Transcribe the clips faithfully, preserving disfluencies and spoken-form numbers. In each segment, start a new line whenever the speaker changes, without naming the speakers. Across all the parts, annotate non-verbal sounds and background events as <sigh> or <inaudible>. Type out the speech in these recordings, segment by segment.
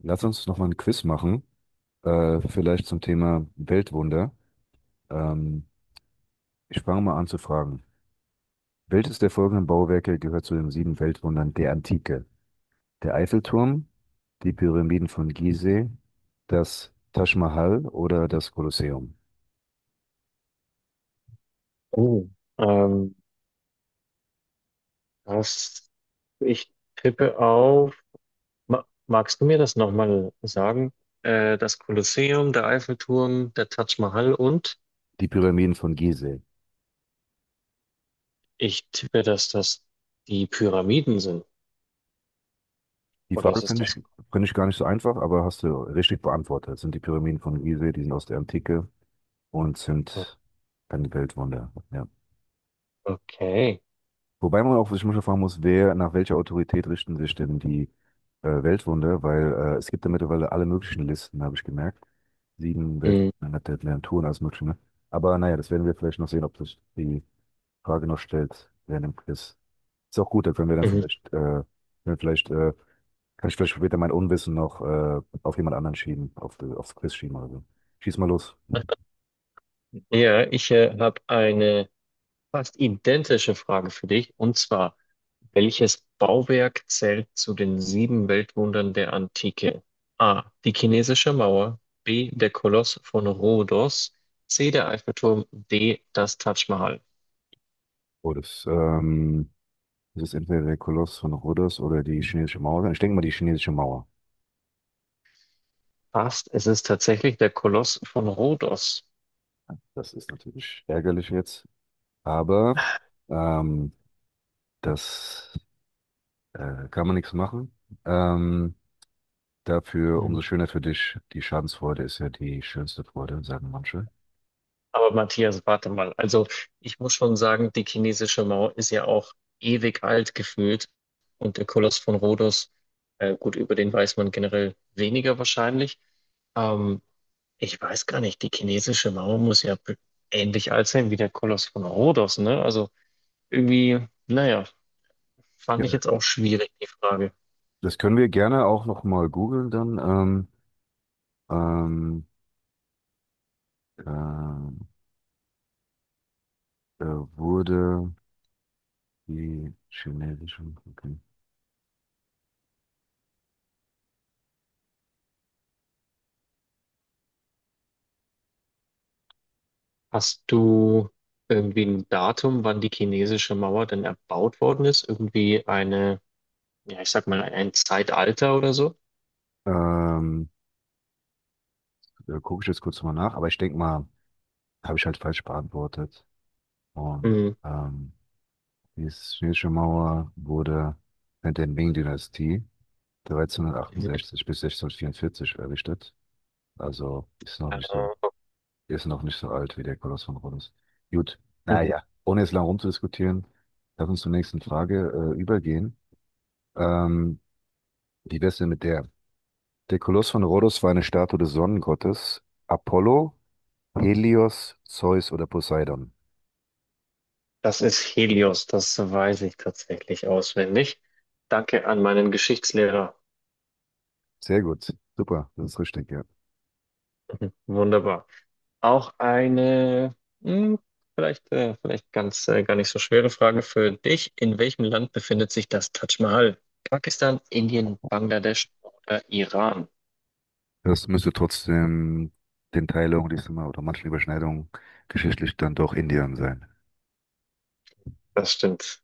Lass uns noch mal ein Quiz machen, äh, vielleicht zum Thema Weltwunder. Ähm, ich fange mal an zu fragen. Welches der folgenden Bauwerke gehört zu den sieben Weltwundern der Antike? Der Eiffelturm, die Pyramiden von Gizeh, das Taj Mahal oder das Kolosseum?
Oh, ähm, das, Ich tippe auf. Ma Magst du mir das nochmal sagen? Äh, das Kolosseum, der Eiffelturm, der Taj Mahal und
Die Pyramiden von Gizeh.
ich tippe, dass das die Pyramiden sind.
Die
Oder
Frage
ist es
finde ich,
das?
finde ich gar nicht so einfach, aber hast du richtig beantwortet. Das sind die Pyramiden von Gizeh, die sind aus der Antike und sind ein Weltwunder. Ja.
Okay.
Wobei man auch sich manchmal fragen muss, wer, nach welcher Autorität richten sich denn die äh, Weltwunder? Weil äh, es gibt da mittlerweile alle möglichen Listen, habe ich gemerkt. Sieben
Mhm.
Weltwunder hat der mehr Touren als mögliche. Ne? Aber naja, das werden wir vielleicht noch sehen, ob sich die Frage noch stellt während dem Quiz. Ist auch gut, da können wir dann
Mhm.
vielleicht, äh, können wir vielleicht äh, kann ich vielleicht später mein Unwissen noch äh, auf jemand anderen schieben, auf, die- aufs Quiz schieben oder so. Schieß mal los.
Ja, ich äh, habe eine fast identische Frage für dich. Und zwar, welches Bauwerk zählt zu den sieben Weltwundern der Antike? A. Die chinesische Mauer. B. Der Koloss von Rhodos. C. Der Eiffelturm. D. Das Taj Mahal.
Oh, das, ähm, das ist entweder der Koloss von Rhodos oder die chinesische Mauer. Ich denke mal die chinesische Mauer.
Fast, es ist tatsächlich der Koloss von Rhodos.
Das ist natürlich ärgerlich jetzt, aber ähm, das äh, kann man nichts machen. Ähm, dafür
Mhm.
umso schöner für dich. Die Schadensfreude ist ja die schönste Freude, sagen manche.
Aber Matthias, warte mal. Also, ich muss schon sagen, die chinesische Mauer ist ja auch ewig alt gefühlt. Und der Koloss von Rhodos, äh, gut, über den weiß man generell weniger wahrscheinlich. Ähm, Ich weiß gar nicht, die chinesische Mauer muss ja be- ähnlich alt sein wie der Koloss von Rhodos, ne? Also irgendwie, naja, fand ich
Ja.
jetzt auch schwierig, die Frage.
Das können wir gerne auch noch mal googeln dann. Ähm, ähm, äh, äh, wurde die chinesische... Okay.
Hast du irgendwie ein Datum, wann die chinesische Mauer denn erbaut worden ist? Irgendwie eine, ja, ich sag mal, ein Zeitalter oder so?
Ähm, äh, gucke ich jetzt kurz mal nach, aber ich denke mal, habe ich halt falsch beantwortet und
Mhm.
ähm, die chinesische Mauer wurde während der Ming-Dynastie
Mhm.
dreizehnhundertachtundsechzig bis sechzehnhundertvierundvierzig errichtet. Also ist noch
Äh,
nicht so, ist noch nicht so alt wie der Koloss von Rhodos. Gut,
mhm.
naja, ohne jetzt lang rumzudiskutieren, lass uns zur nächsten Frage äh, übergehen. Ähm, wie wär's denn mit der? Der Koloss von Rhodos war eine Statue des Sonnengottes Apollo, Helios, Zeus oder Poseidon.
Das ist Helios, das weiß ich tatsächlich auswendig. Danke an meinen Geschichtslehrer.
Sehr gut, super, das ist richtig, ja.
Mhm. Wunderbar. Auch eine, hm, vielleicht, äh, vielleicht ganz, äh, gar nicht so schwere Frage für dich. In welchem Land befindet sich das Taj Mahal? Pakistan, Indien, Bangladesch oder Iran?
Das müsste trotzdem den Teilungen, die es immer oder manchen Überschneidungen geschichtlich dann doch Indien sein.
Das stimmt.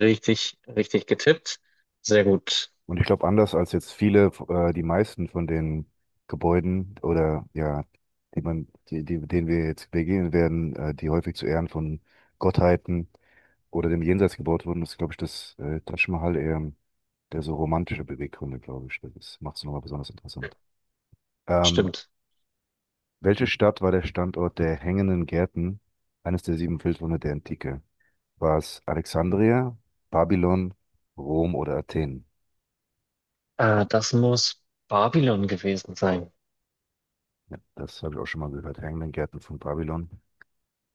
Richtig, richtig getippt. Sehr gut.
Und ich glaube, anders als jetzt viele, äh, die meisten von den Gebäuden oder ja, die man, die, die, denen wir jetzt begegnen werden, äh, die häufig zu Ehren von Gottheiten oder dem Jenseits gebaut wurden, ist, glaube ich, das äh, Taj Mahal eher der so romantische Beweggründe, glaube ich. Das macht es nochmal besonders interessant. Ähm,
Stimmt.
welche Stadt war der Standort der hängenden Gärten, eines der sieben Felswunder der Antike? War es Alexandria, Babylon, Rom oder Athen?
Äh, das muss Babylon gewesen sein.
Ja, das habe ich auch schon mal gehört. Hängenden Gärten von Babylon.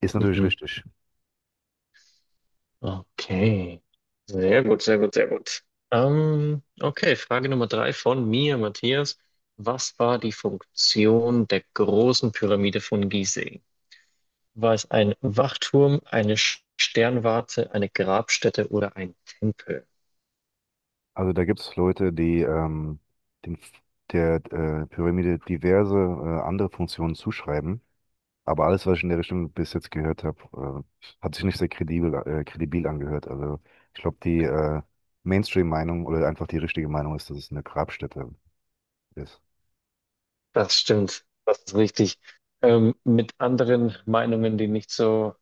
Ist natürlich
Mhm.
richtig.
Okay. Sehr gut, sehr gut, sehr gut. Ähm, okay, Frage Nummer drei von mir, Matthias. Was war die Funktion der großen Pyramide von Gizeh? War es ein Wachturm, eine Sch- Sternwarte, eine Grabstätte oder ein Tempel?
Also da gibt es Leute, die ähm, den, der äh, Pyramide diverse äh, andere Funktionen zuschreiben. Aber alles, was ich in der Richtung bis jetzt gehört habe, äh, hat sich nicht sehr kredibel, äh, kredibil angehört. Also ich glaube, die äh, Mainstream-Meinung oder einfach die richtige Meinung ist, dass es eine Grabstätte ist.
Das stimmt, das ist richtig. Ähm, mit anderen Meinungen, die nicht so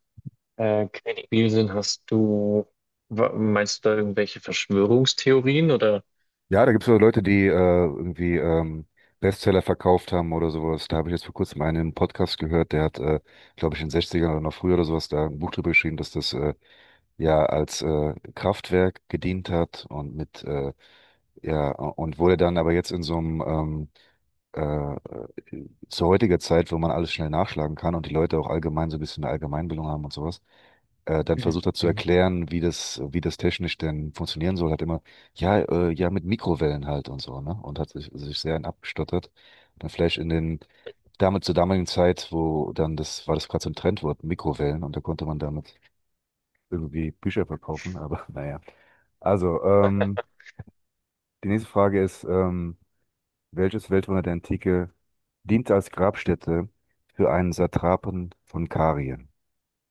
äh, kredibil sind, hast du, wa- meinst du da irgendwelche Verschwörungstheorien oder?
Ja, da gibt es so Leute, die äh, irgendwie ähm, Bestseller verkauft haben oder sowas. Da habe ich jetzt vor kurzem einen im Podcast gehört, der hat, äh, glaube ich, in den Sechzigern oder noch früher oder sowas da ein Buch drüber geschrieben, dass das äh, ja als äh, Kraftwerk gedient hat und mit äh, ja und wurde dann aber jetzt in so einem ähm, äh, zu heutiger Zeit, wo man alles schnell nachschlagen kann und die Leute auch allgemein so ein bisschen eine Allgemeinbildung haben und sowas, äh, dann versucht er zu
Mhm.
erklären, wie das, wie das technisch denn funktionieren soll, hat immer, ja, äh, ja, mit Mikrowellen halt und so, ne? Und hat sich, sich sehr in abgestottert. Dann vielleicht in den, damit zur damaligen Zeit, wo dann das, war das gerade so ein Trendwort, Mikrowellen, und da konnte man damit irgendwie Bücher verkaufen, aber <laughs> naja. Also, ähm, die nächste Frage ist, ähm, welches Weltwunder der Antike diente als Grabstätte für einen Satrapen von Karien?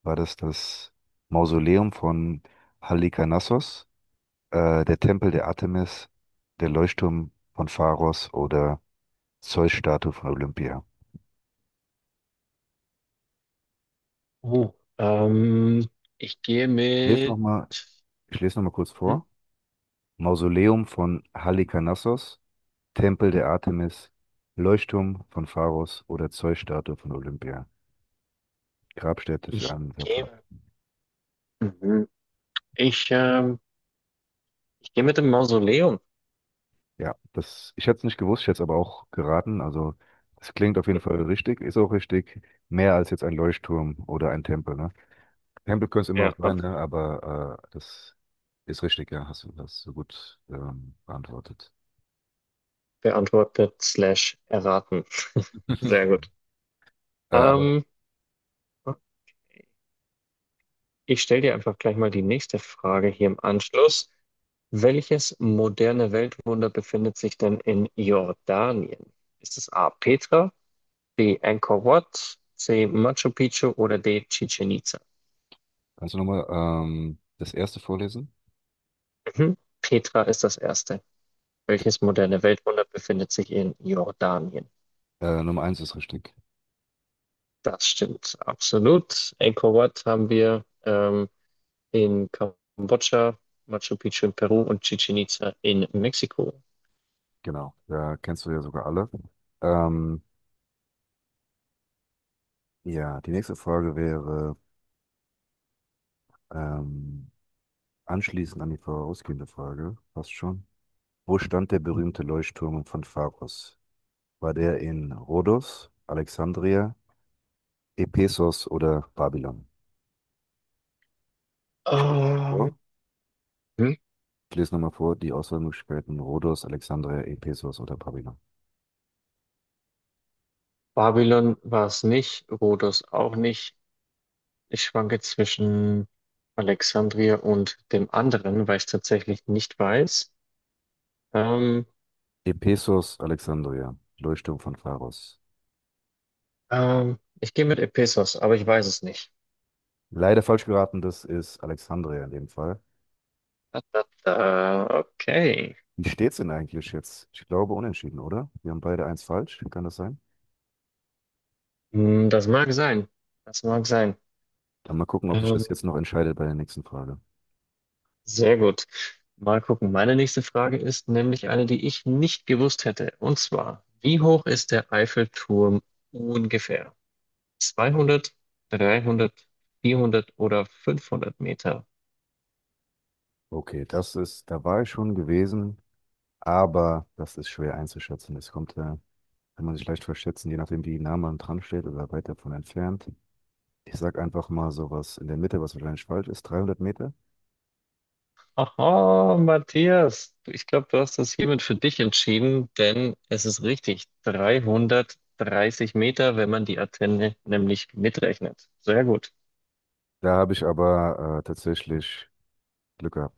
War das das Mausoleum von Halikarnassos, äh, der Tempel der Artemis, der Leuchtturm von Pharos oder Zeus-Statue von Olympia?
Oh, ähm, ich gehe
Ich lese
mit,
nochmal, ich lese noch mal kurz
hm,
vor. Mausoleum von Halikarnassos, Tempel der Artemis, Leuchtturm von Pharos oder Zeus-Statue von Olympia. Grabstätte für
ich
einen Satrapen.
gehe, mhm. ich, ähm, ich gehe mit dem Mausoleum.
Ja, das, ich hätte es nicht gewusst, ich hätte es aber auch geraten. Also, es klingt auf jeden Fall richtig, ist auch richtig. Mehr als jetzt ein Leuchtturm oder ein Tempel, ne? Tempel könnte es immer noch
Ja,
sein,
ab-
ne? Aber äh, das ist richtig, ja, hast du das so gut ähm, beantwortet.
beantwortet slash erraten. <laughs> Sehr gut.
<laughs> Äh, aber
Ähm, okay. Ich stelle dir einfach gleich mal die nächste Frage hier im Anschluss. Welches moderne Weltwunder befindet sich denn in Jordanien? Ist es A. Petra, B. Angkor Wat, C. Machu Picchu oder D. Chichen Itza?
kannst du nochmal ähm, das erste vorlesen?
Mhm. Petra ist das erste.
Das,
Welches moderne Weltwunder befindet sich in Jordanien?
äh, Nummer eins ist richtig.
Das stimmt absolut. Angkor Wat haben wir ähm, in Kambodscha, Machu Picchu in Peru und Chichen Itza in Mexiko.
Genau, da kennst du ja sogar alle. Ähm, ja, die nächste Frage wäre ähm, anschließend an die vorausgehende Frage, fast schon. Wo stand der berühmte Leuchtturm von Pharos? War der in Rhodos, Alexandria, Ephesos oder Babylon? Ich lese nochmal
Ähm,
vor.
hm.
Ich lese nochmal vor die Auswahlmöglichkeiten Rhodos, Alexandria, Ephesos oder Babylon.
Babylon war es nicht, Rhodos auch nicht. Ich schwanke zwischen Alexandria und dem anderen, weil ich es tatsächlich nicht weiß. Ähm,
Ephesos, Alexandria, Leuchtturm von Pharos.
ähm, ich gehe mit Ephesos, aber ich weiß es nicht.
Leider falsch geraten, das ist Alexandria in dem Fall.
Da, da, da. Okay.
Wie steht's denn eigentlich jetzt? Ich glaube unentschieden, oder? Wir haben beide eins falsch, kann das sein?
Hm, das mag sein. Das mag sein.
Dann mal gucken, ob sich
Ähm,
das jetzt noch entscheidet bei der nächsten Frage.
sehr gut. Mal gucken. Meine nächste Frage ist nämlich eine, die ich nicht gewusst hätte. Und zwar, wie hoch ist der Eiffelturm ungefähr? zweihundert, dreihundert, vierhundert oder fünfhundert Meter?
Okay, das ist, da war ich schon gewesen. Aber das ist schwer einzuschätzen. Es kommt, äh, kann man sich leicht verschätzen, je nachdem, wie nah man dran steht oder weit davon entfernt. Ich sag einfach mal sowas in der Mitte, was wahrscheinlich falsch ist, dreihundert Meter.
Aha, Matthias, ich glaube, du hast das hiermit für dich entschieden, denn es ist richtig. dreihundertdreißig Meter, wenn man die Antenne nämlich mitrechnet. Sehr gut.
Da habe ich aber äh, tatsächlich Glück gehabt.